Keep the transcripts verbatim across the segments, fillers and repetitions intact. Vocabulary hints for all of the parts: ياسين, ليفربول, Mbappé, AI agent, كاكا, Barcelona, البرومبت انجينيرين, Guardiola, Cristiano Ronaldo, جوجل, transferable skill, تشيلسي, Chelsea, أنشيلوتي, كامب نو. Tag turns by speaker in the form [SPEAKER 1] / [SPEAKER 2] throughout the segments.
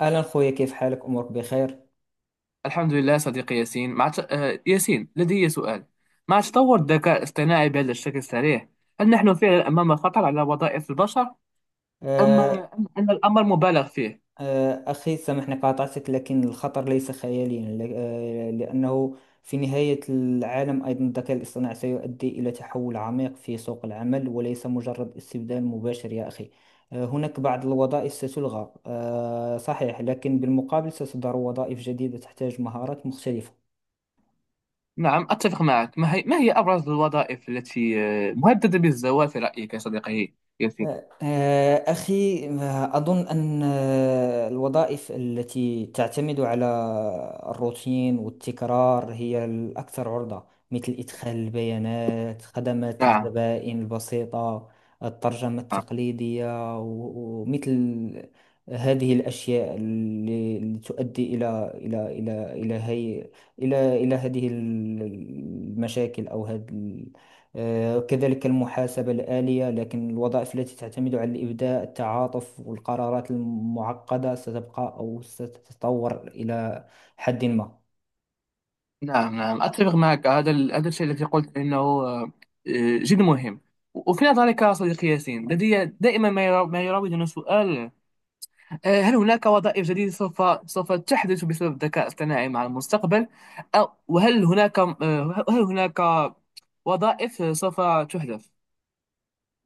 [SPEAKER 1] أهلا خويا، كيف حالك؟ أمورك بخير؟
[SPEAKER 2] الحمد لله صديقي ياسين مع ت... آه، ياسين، لدي سؤال. مع تطور الذكاء الاصطناعي بهذا الشكل السريع، هل نحن فعلا أمام خطر على وظائف البشر، أم
[SPEAKER 1] آه،
[SPEAKER 2] أم أن الأمر مبالغ فيه؟
[SPEAKER 1] آه، أخي سامحني قاطعتك، لكن الخطر ليس خياليا ل- آه، لأنه في نهاية العالم أيضا الذكاء الاصطناعي سيؤدي إلى تحول عميق في سوق العمل وليس مجرد استبدال مباشر يا أخي. آه، هناك بعض الوظائف ستلغى، آه، صحيح، لكن بالمقابل ستظهر وظائف جديدة تحتاج مهارات مختلفة.
[SPEAKER 2] نعم، أتفق معك. ما هي, ما هي أبرز الوظائف التي آه، مهددة بالزوال في رأيك يا صديقي ياسين؟
[SPEAKER 1] آه، أخي، آه، أظن أن آه، الوظائف التي تعتمد على الروتين والتكرار هي الأكثر عرضة، مثل إدخال البيانات، خدمات
[SPEAKER 2] نعم
[SPEAKER 1] الزبائن البسيطة، الترجمة
[SPEAKER 2] نعم
[SPEAKER 1] التقليدية و- ومثل هذه الأشياء اللي اللي تؤدي إلى إلى إلى إلى هي إلى إلى هذه المشاكل أو هذه. آه، كذلك المحاسبة الآلية، لكن الوظائف التي تعتمد على الإبداع، التعاطف والقرارات المعقدة ستبقى أو ستتطور إلى حد ما.
[SPEAKER 2] نعم نعم، أتفق معك. هذا ال... هذا الشيء الذي قلت إنه آه، آه، جد مهم. وفي نظرك يا صديقي ياسين، لدي دائما ما يرا- ما يراودني سؤال. آه، هل هناك وظائف جديدة سوف سوف تحدث بسبب الذكاء الاصطناعي مع المستقبل؟ أو وهل هناك، آه، هل هناك وظائف سوف تحدث؟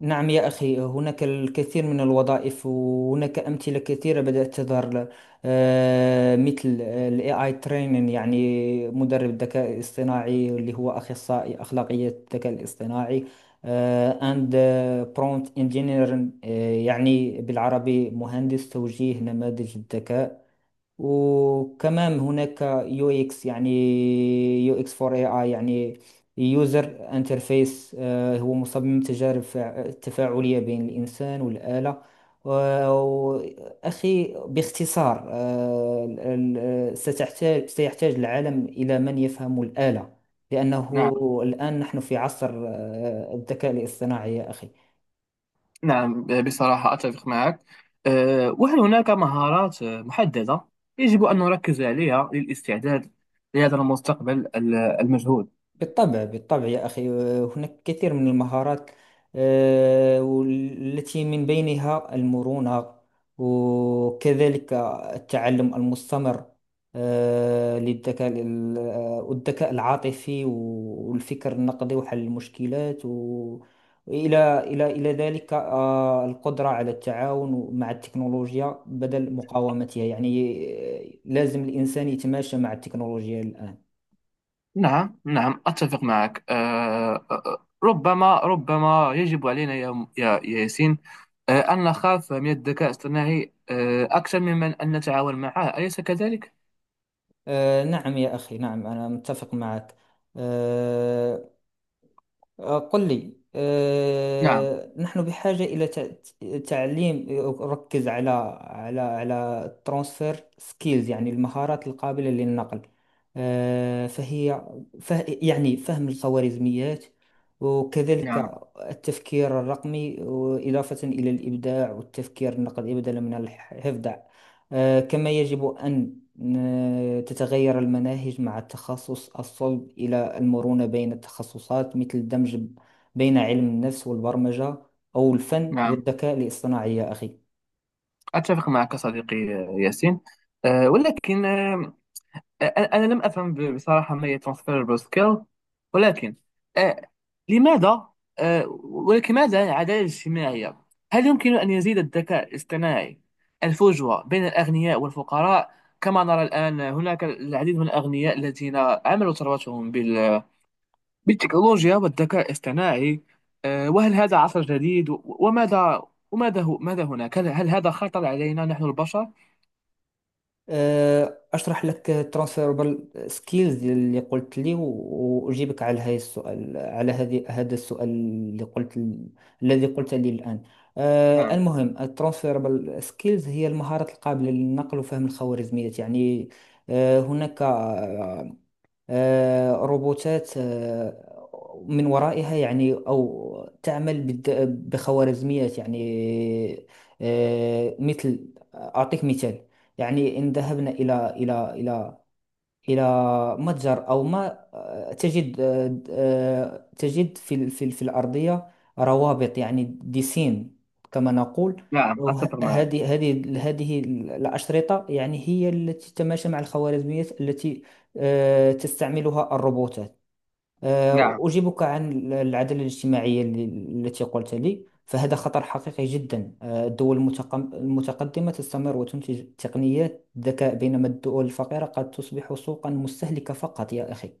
[SPEAKER 1] نعم يا أخي، هناك الكثير من الوظائف وهناك أمثلة كثيرة بدأت تظهر، آه، مثل ال اي آي training، يعني مدرب الذكاء الاصطناعي اللي هو أخصائي أخلاقية الذكاء الاصطناعي، آه، and آه، prompt engineering، آه، يعني بالعربي مهندس توجيه نماذج الذكاء. وكمان هناك يو اكس، يعني يو اكس فور اي اي، يعني يوزر انترفيس، هو مصمم تجارب فع- تفاعلية بين الإنسان والآلة و- أخي. باختصار، آه، ال- ال- ستحتاج سيحتاج العالم إلى من يفهم الآلة، لأنه
[SPEAKER 2] نعم
[SPEAKER 1] الآن نحن في عصر آه، الذكاء الاصطناعي يا أخي.
[SPEAKER 2] نعم بصراحة أتفق معك. آه، وهل هناك مهارات آه، محددة يجب أن نركز عليها للاستعداد لهذا المستقبل ال- المجهول؟
[SPEAKER 1] بالطبع بالطبع يا أخي، آه، هناك كثير من المهارات، آه، والتي من بينها المرونة، وكذلك التعلم المستمر، آه، للذكاء ال- آه، والذكاء العاطفي والفكر النقدي وحل المشكلات و- وإلى إلى إلى ذلك، آه، القدرة على التعاون مع التكنولوجيا بدل مقاومتها، يعني آه، لازم الإنسان يتماشى مع التكنولوجيا الآن.
[SPEAKER 2] نعم نعم أتفق معك. آه، آه، آه، ربما ربما يجب علينا يا يا يا ياسين آه، أن نخاف من الذكاء الاصطناعي آه، أكثر ممن أن نتعاون معه، أليس كذلك؟
[SPEAKER 1] آه، نعم يا أخي، نعم أنا متفق معك. آه، آه، قل لي،
[SPEAKER 2] نعم
[SPEAKER 1] آه، نحن بحاجة إلى تع- تعليم يركز على على على ترانسفير سكيلز، يعني المهارات القابلة للنقل، آه، فهي فه يعني فهم الخوارزميات، وكذلك
[SPEAKER 2] نعم
[SPEAKER 1] التفكير الرقمي وإضافة إلى الإبداع والتفكير النقدي بدلا من الحفظ. آه، كما يجب أن ن- تتغير المناهج مع التخصص الصلب إلى المرونة بين التخصصات، مثل الدمج ب- بين علم النفس والبرمجة أو الفن
[SPEAKER 2] نعم
[SPEAKER 1] والذكاء الاصطناعي يا أخي.
[SPEAKER 2] أتفق معك صديقي آه، ياسين. آه، ولكن آه، أ- أنا لم أفهم ب- بصراحة ما هي transferable skill، ولكن آه، لماذا آه، ولكن ماذا عن العدالة الاجتماعية؟ هل يمكن أن يزيد الذكاء الاصطناعي الفجوة بين الأغنياء والفقراء؟ كما نرى الآن هناك العديد من الأغنياء الذين عملوا ثروتهم بال- بالتكنولوجيا والذكاء الاصطناعي. آه، وهل هذا عصر جديد و- وماذا وماذا هو ماذا هناك هل هل هذا خطر علينا نحن البشر؟
[SPEAKER 1] أه، أشرح لك transferable skills اللي قلت لي، و- وأجيبك على هذا السؤال، على هذه هذا السؤال اللي قلت، الذي قلت لي الآن. أه،
[SPEAKER 2] نعم،
[SPEAKER 1] المهم ال transferable skills هي المهارات القابلة للنقل وفهم الخوارزميات، يعني آه، هناك آه، روبوتات آه، من ورائها، يعني أو تعمل بالد- بخوارزميات، يعني آه، مثل، أعطيك مثال. يعني إن ذهبنا إلى إلى إلى إلى متجر أو ما، تجد آه، آه، تجد في ال- في ال- في الأرضية روابط، يعني ديسين كما نقول.
[SPEAKER 2] نعم أتفق معك.
[SPEAKER 1] وهذه هذه هذه ال- الأشرطة يعني هي التي تتماشى مع الخوارزميات التي آه، تستعملها الروبوتات. آه،
[SPEAKER 2] نعم،
[SPEAKER 1] أجيبك عن العدالة الاجتماعية اللي- التي قلت لي، فهذا خطر حقيقي جدا. آه، الدول المتقم- المتقدمة تستمر وتنتج تقنيات ذكاء، بينما الدول الفقيرة قد تصبح سوقا مستهلكة فقط يا أخي.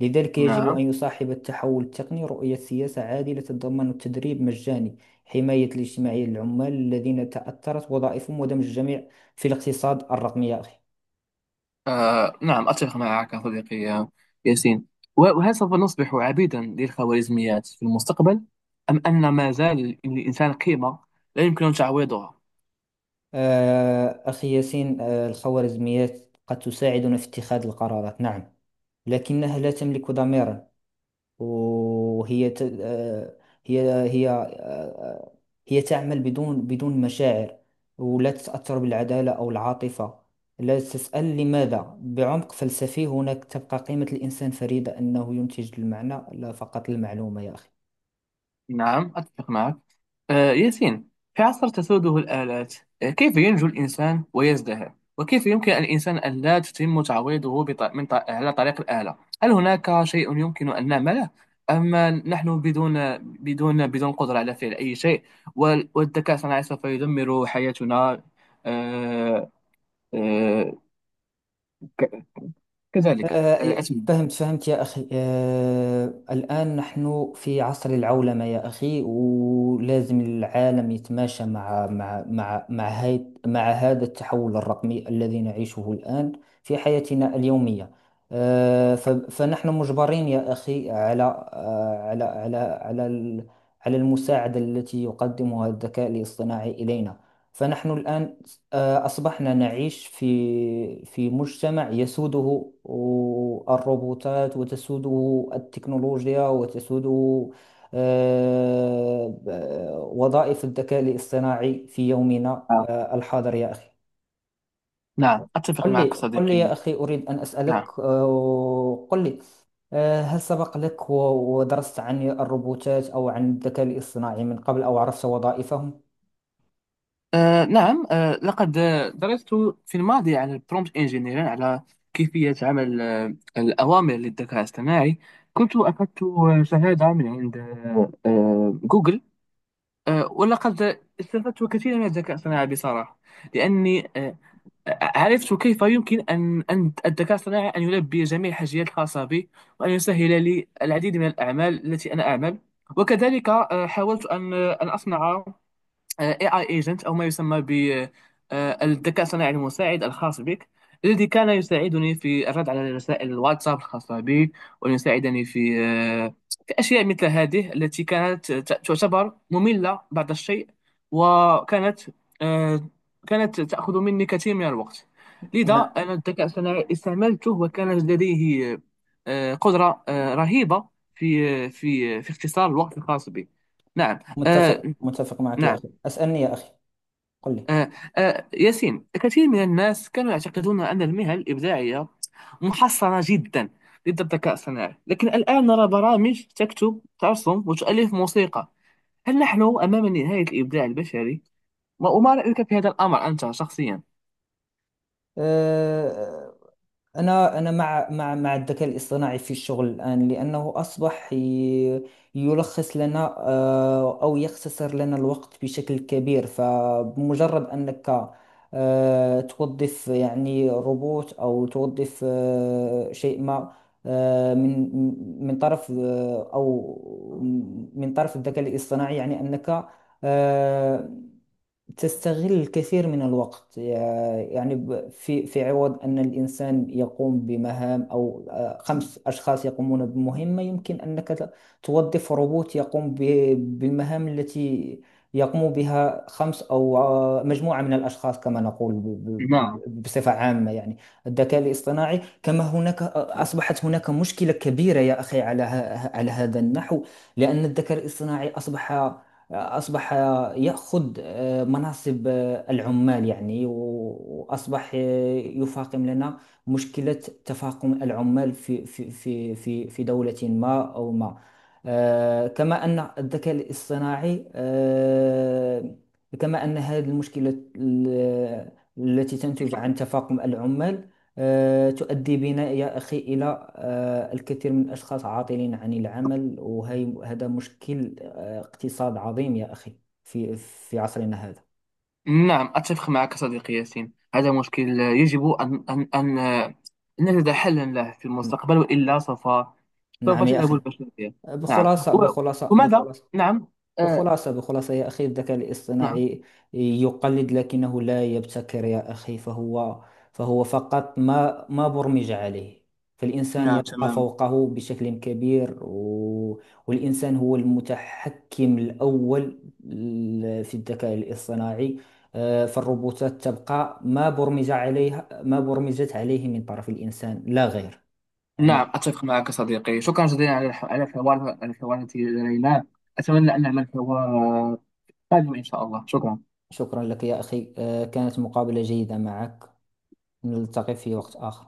[SPEAKER 1] لذلك يجب أن
[SPEAKER 2] نعم.
[SPEAKER 1] يصاحب التحول التقني رؤية سياسة عادلة، تتضمن التدريب مجاني، حماية الاجتماعية للعمال الذين تأثرت وظائفهم، ودمج الجميع في الاقتصاد الرقمي يا أخي.
[SPEAKER 2] آه، نعم، أتفق معك صديقي يا- ياسين. و- وهل سوف نصبح عبيدا للخوارزميات في المستقبل، أم أن ما زال للإنسان قيمة لا يمكن تعويضها؟
[SPEAKER 1] آه، أخي ياسين، آه، الخوارزميات قد تساعدنا في اتخاذ القرارات، نعم، لكنها لا تملك ضميرا، وهي ت... آه، هي هي آه، هي تعمل بدون بدون مشاعر، ولا تتأثر بالعدالة أو العاطفة، لا تسأل لماذا بعمق فلسفي. هناك تبقى قيمة الإنسان فريدة، أنه ينتج المعنى لا فقط المعلومة يا أخي.
[SPEAKER 2] نعم أتفق معك آه، ياسين. في عصر تسوده الآلات، آه، كيف ينجو الإنسان ويزدهر، وكيف يمكن الإنسان أن لا تتم تعويضه بط... من ط... على طريق الآلة؟ هل هناك شيء يمكن أن نعمله، أما نحن بدون بدون بدون قدرة على فعل أي شيء، وال... والذكاء الصناعي سوف يدمر حياتنا؟ آه، آه، ك... كذلك. آه،
[SPEAKER 1] آه،
[SPEAKER 2] أتم...
[SPEAKER 1] فهمت فهمت يا أخي. آه، الآن نحن في عصر العولمة يا أخي، ولازم العالم يتماشى مع مع مع مع هاي مع هذا التحول الرقمي الذي نعيشه الآن في حياتنا اليومية. آه، ف- فنحن مجبرين يا أخي على آه، على على على ال- على المساعدة التي يقدمها الذكاء الاصطناعي إلينا. فنحن الآن آه، أصبحنا نعيش في في مجتمع يسوده الروبوتات، وتسوده التكنولوجيا، وتسوده آه، آه، وظائف الذكاء الاصطناعي في يومنا
[SPEAKER 2] آه،
[SPEAKER 1] آه، الحاضر يا أخي.
[SPEAKER 2] نعم أتفق
[SPEAKER 1] قل
[SPEAKER 2] معك
[SPEAKER 1] لي قل لي يا
[SPEAKER 2] صديقي.
[SPEAKER 1] أخي، أريد أن أسألك.
[SPEAKER 2] نعم.
[SPEAKER 1] آه، قل لي، آه، هل سبق لك و- ودرست عن الروبوتات أو عن الذكاء الاصطناعي من قبل، أو عرفت وظائفهم؟
[SPEAKER 2] آه، نعم. آه، لقد آه، درست في الماضي عن البرومبت انجينيرين، على كيفية عمل آه الأوامر للذكاء الاصطناعي. كنت أخذت آه، شهادة من عند آه آه، جوجل. آه، ولقد استفدت كثيرا من الذكاء الاصطناعي بصراحة، لأني آه عرفت كيف يمكن أن أن الذكاء الاصطناعي أن يلبي جميع الحاجيات الخاصة بي، وأن يسهل لي العديد من الأعمال التي أنا أعمل. وكذلك آه، حاولت أن آه، أن أصنع A I agent، أو ما يسمى بالذكاء الصناعي المساعد الخاص بك، الذي كان يساعدني في الرد على رسائل الواتساب الخاصة بي، ويساعدني في آه، في أشياء مثل هذه التي كانت ت- تعتبر مملة بعض الشيء، وكانت آه، كانت تأخذ مني كثير من الوقت.
[SPEAKER 1] نعم.
[SPEAKER 2] لذا أنا الذكاء الصناعي استعملته، وكان لديه آه، قدرة آه، رهيبة في آه، في آه، في اختصار الوقت الخاص بي. نعم. آه،
[SPEAKER 1] متفق متفق معك يا
[SPEAKER 2] نعم
[SPEAKER 1] أخي، أسألني يا أخي. قل لي.
[SPEAKER 2] آه، آه، ياسين، كثير من الناس كانوا يعتقدون أن المهن الإبداعية محصرة جدا ضد الذكاء الصناعي، لكن الآن نرى برامج تكتب ترسم وتؤلف موسيقى. هل نحن أمام نهاية الإبداع البشري؟ ما وما رأيك في هذا الأمر أنت شخصيا؟
[SPEAKER 1] آه، أنا أنا مع مع مع الذكاء الاصطناعي في الشغل الآن، لأنه أصبح ي- يلخص لنا، آه، أو يختصر لنا الوقت بشكل كبير. فبمجرد أنك آه، توظف يعني روبوت، أو توظف آه، شيء ما آه، من من طرف آه، أو من طرف الذكاء الاصطناعي، يعني أنك آه، تستغل الكثير من الوقت. يع- يعني ب- في في عوض أن الإنسان يقوم بمهام، أو آه، خمس أشخاص يقومون بمهمة، يمكن أنك ت- توظف روبوت يقوم ب- بالمهام التي يقوم بها خمس، أو آه، مجموعة من الأشخاص، كما نقول ب- ب-
[SPEAKER 2] نعم
[SPEAKER 1] ب- بصفة عامة، يعني الذكاء الاصطناعي. كما هناك آه، أصبحت هناك مشكلة كبيرة يا أخي على ه- على هذا النحو، لأن الذكاء الاصطناعي أصبح أصبح يأخذ آه، مناصب آه، العمال، يعني، وأصبح آه، يفاقم لنا مشكلة تفاقم العمال في في في في في دولة ما أو ما. آه، كما أن الذكاء الاصطناعي آه، كما أن هذه المشكلة ال- التي تنتج عن تفاقم العمال آه، تؤدي بنا يا أخي إلى آه، الكثير من الأشخاص عاطلين عن العمل، وهذا مشكل اقتصاد عظيم يا أخي في في عصرنا هذا.
[SPEAKER 2] نعم أتفق معك صديقي ياسين. هذا مشكل يجب أن أن أن أن نجد حلا له في المستقبل، وإلا سوف سوف
[SPEAKER 1] نعم يا
[SPEAKER 2] تذهب
[SPEAKER 1] أخي.
[SPEAKER 2] البشرية. نعم.
[SPEAKER 1] بخلاصة
[SPEAKER 2] و-
[SPEAKER 1] بخلاصة
[SPEAKER 2] وماذا؟
[SPEAKER 1] بخلاصة
[SPEAKER 2] نعم. آه،
[SPEAKER 1] بخلاصة بخلاصة يا أخي، الذكاء
[SPEAKER 2] نعم.
[SPEAKER 1] الاصطناعي يقلد لكنه لا يبتكر يا أخي، فهو فهو فقط ما ما برمج عليه، فالإنسان
[SPEAKER 2] نعم،
[SPEAKER 1] يبقى
[SPEAKER 2] تماما.
[SPEAKER 1] فوقه بشكل كبير، و... والإنسان هو المتحكم الأول ل- في الذكاء الاصطناعي. آه، فالروبوتات تبقى ما برمج عليها، ما برمجت عليه من طرف الإنسان لا غير، يعني.
[SPEAKER 2] نعم أتفق معك صديقي، شكرا جزيلا على الح- على الحوار، على الحوار التي جريناه. أتمنى أن نعمل حوار قادم إن شاء الله. شكرا.
[SPEAKER 1] شكرا لك يا أخي، آه، كانت مقابلة جيدة معك، نلتقي في وقت آخر.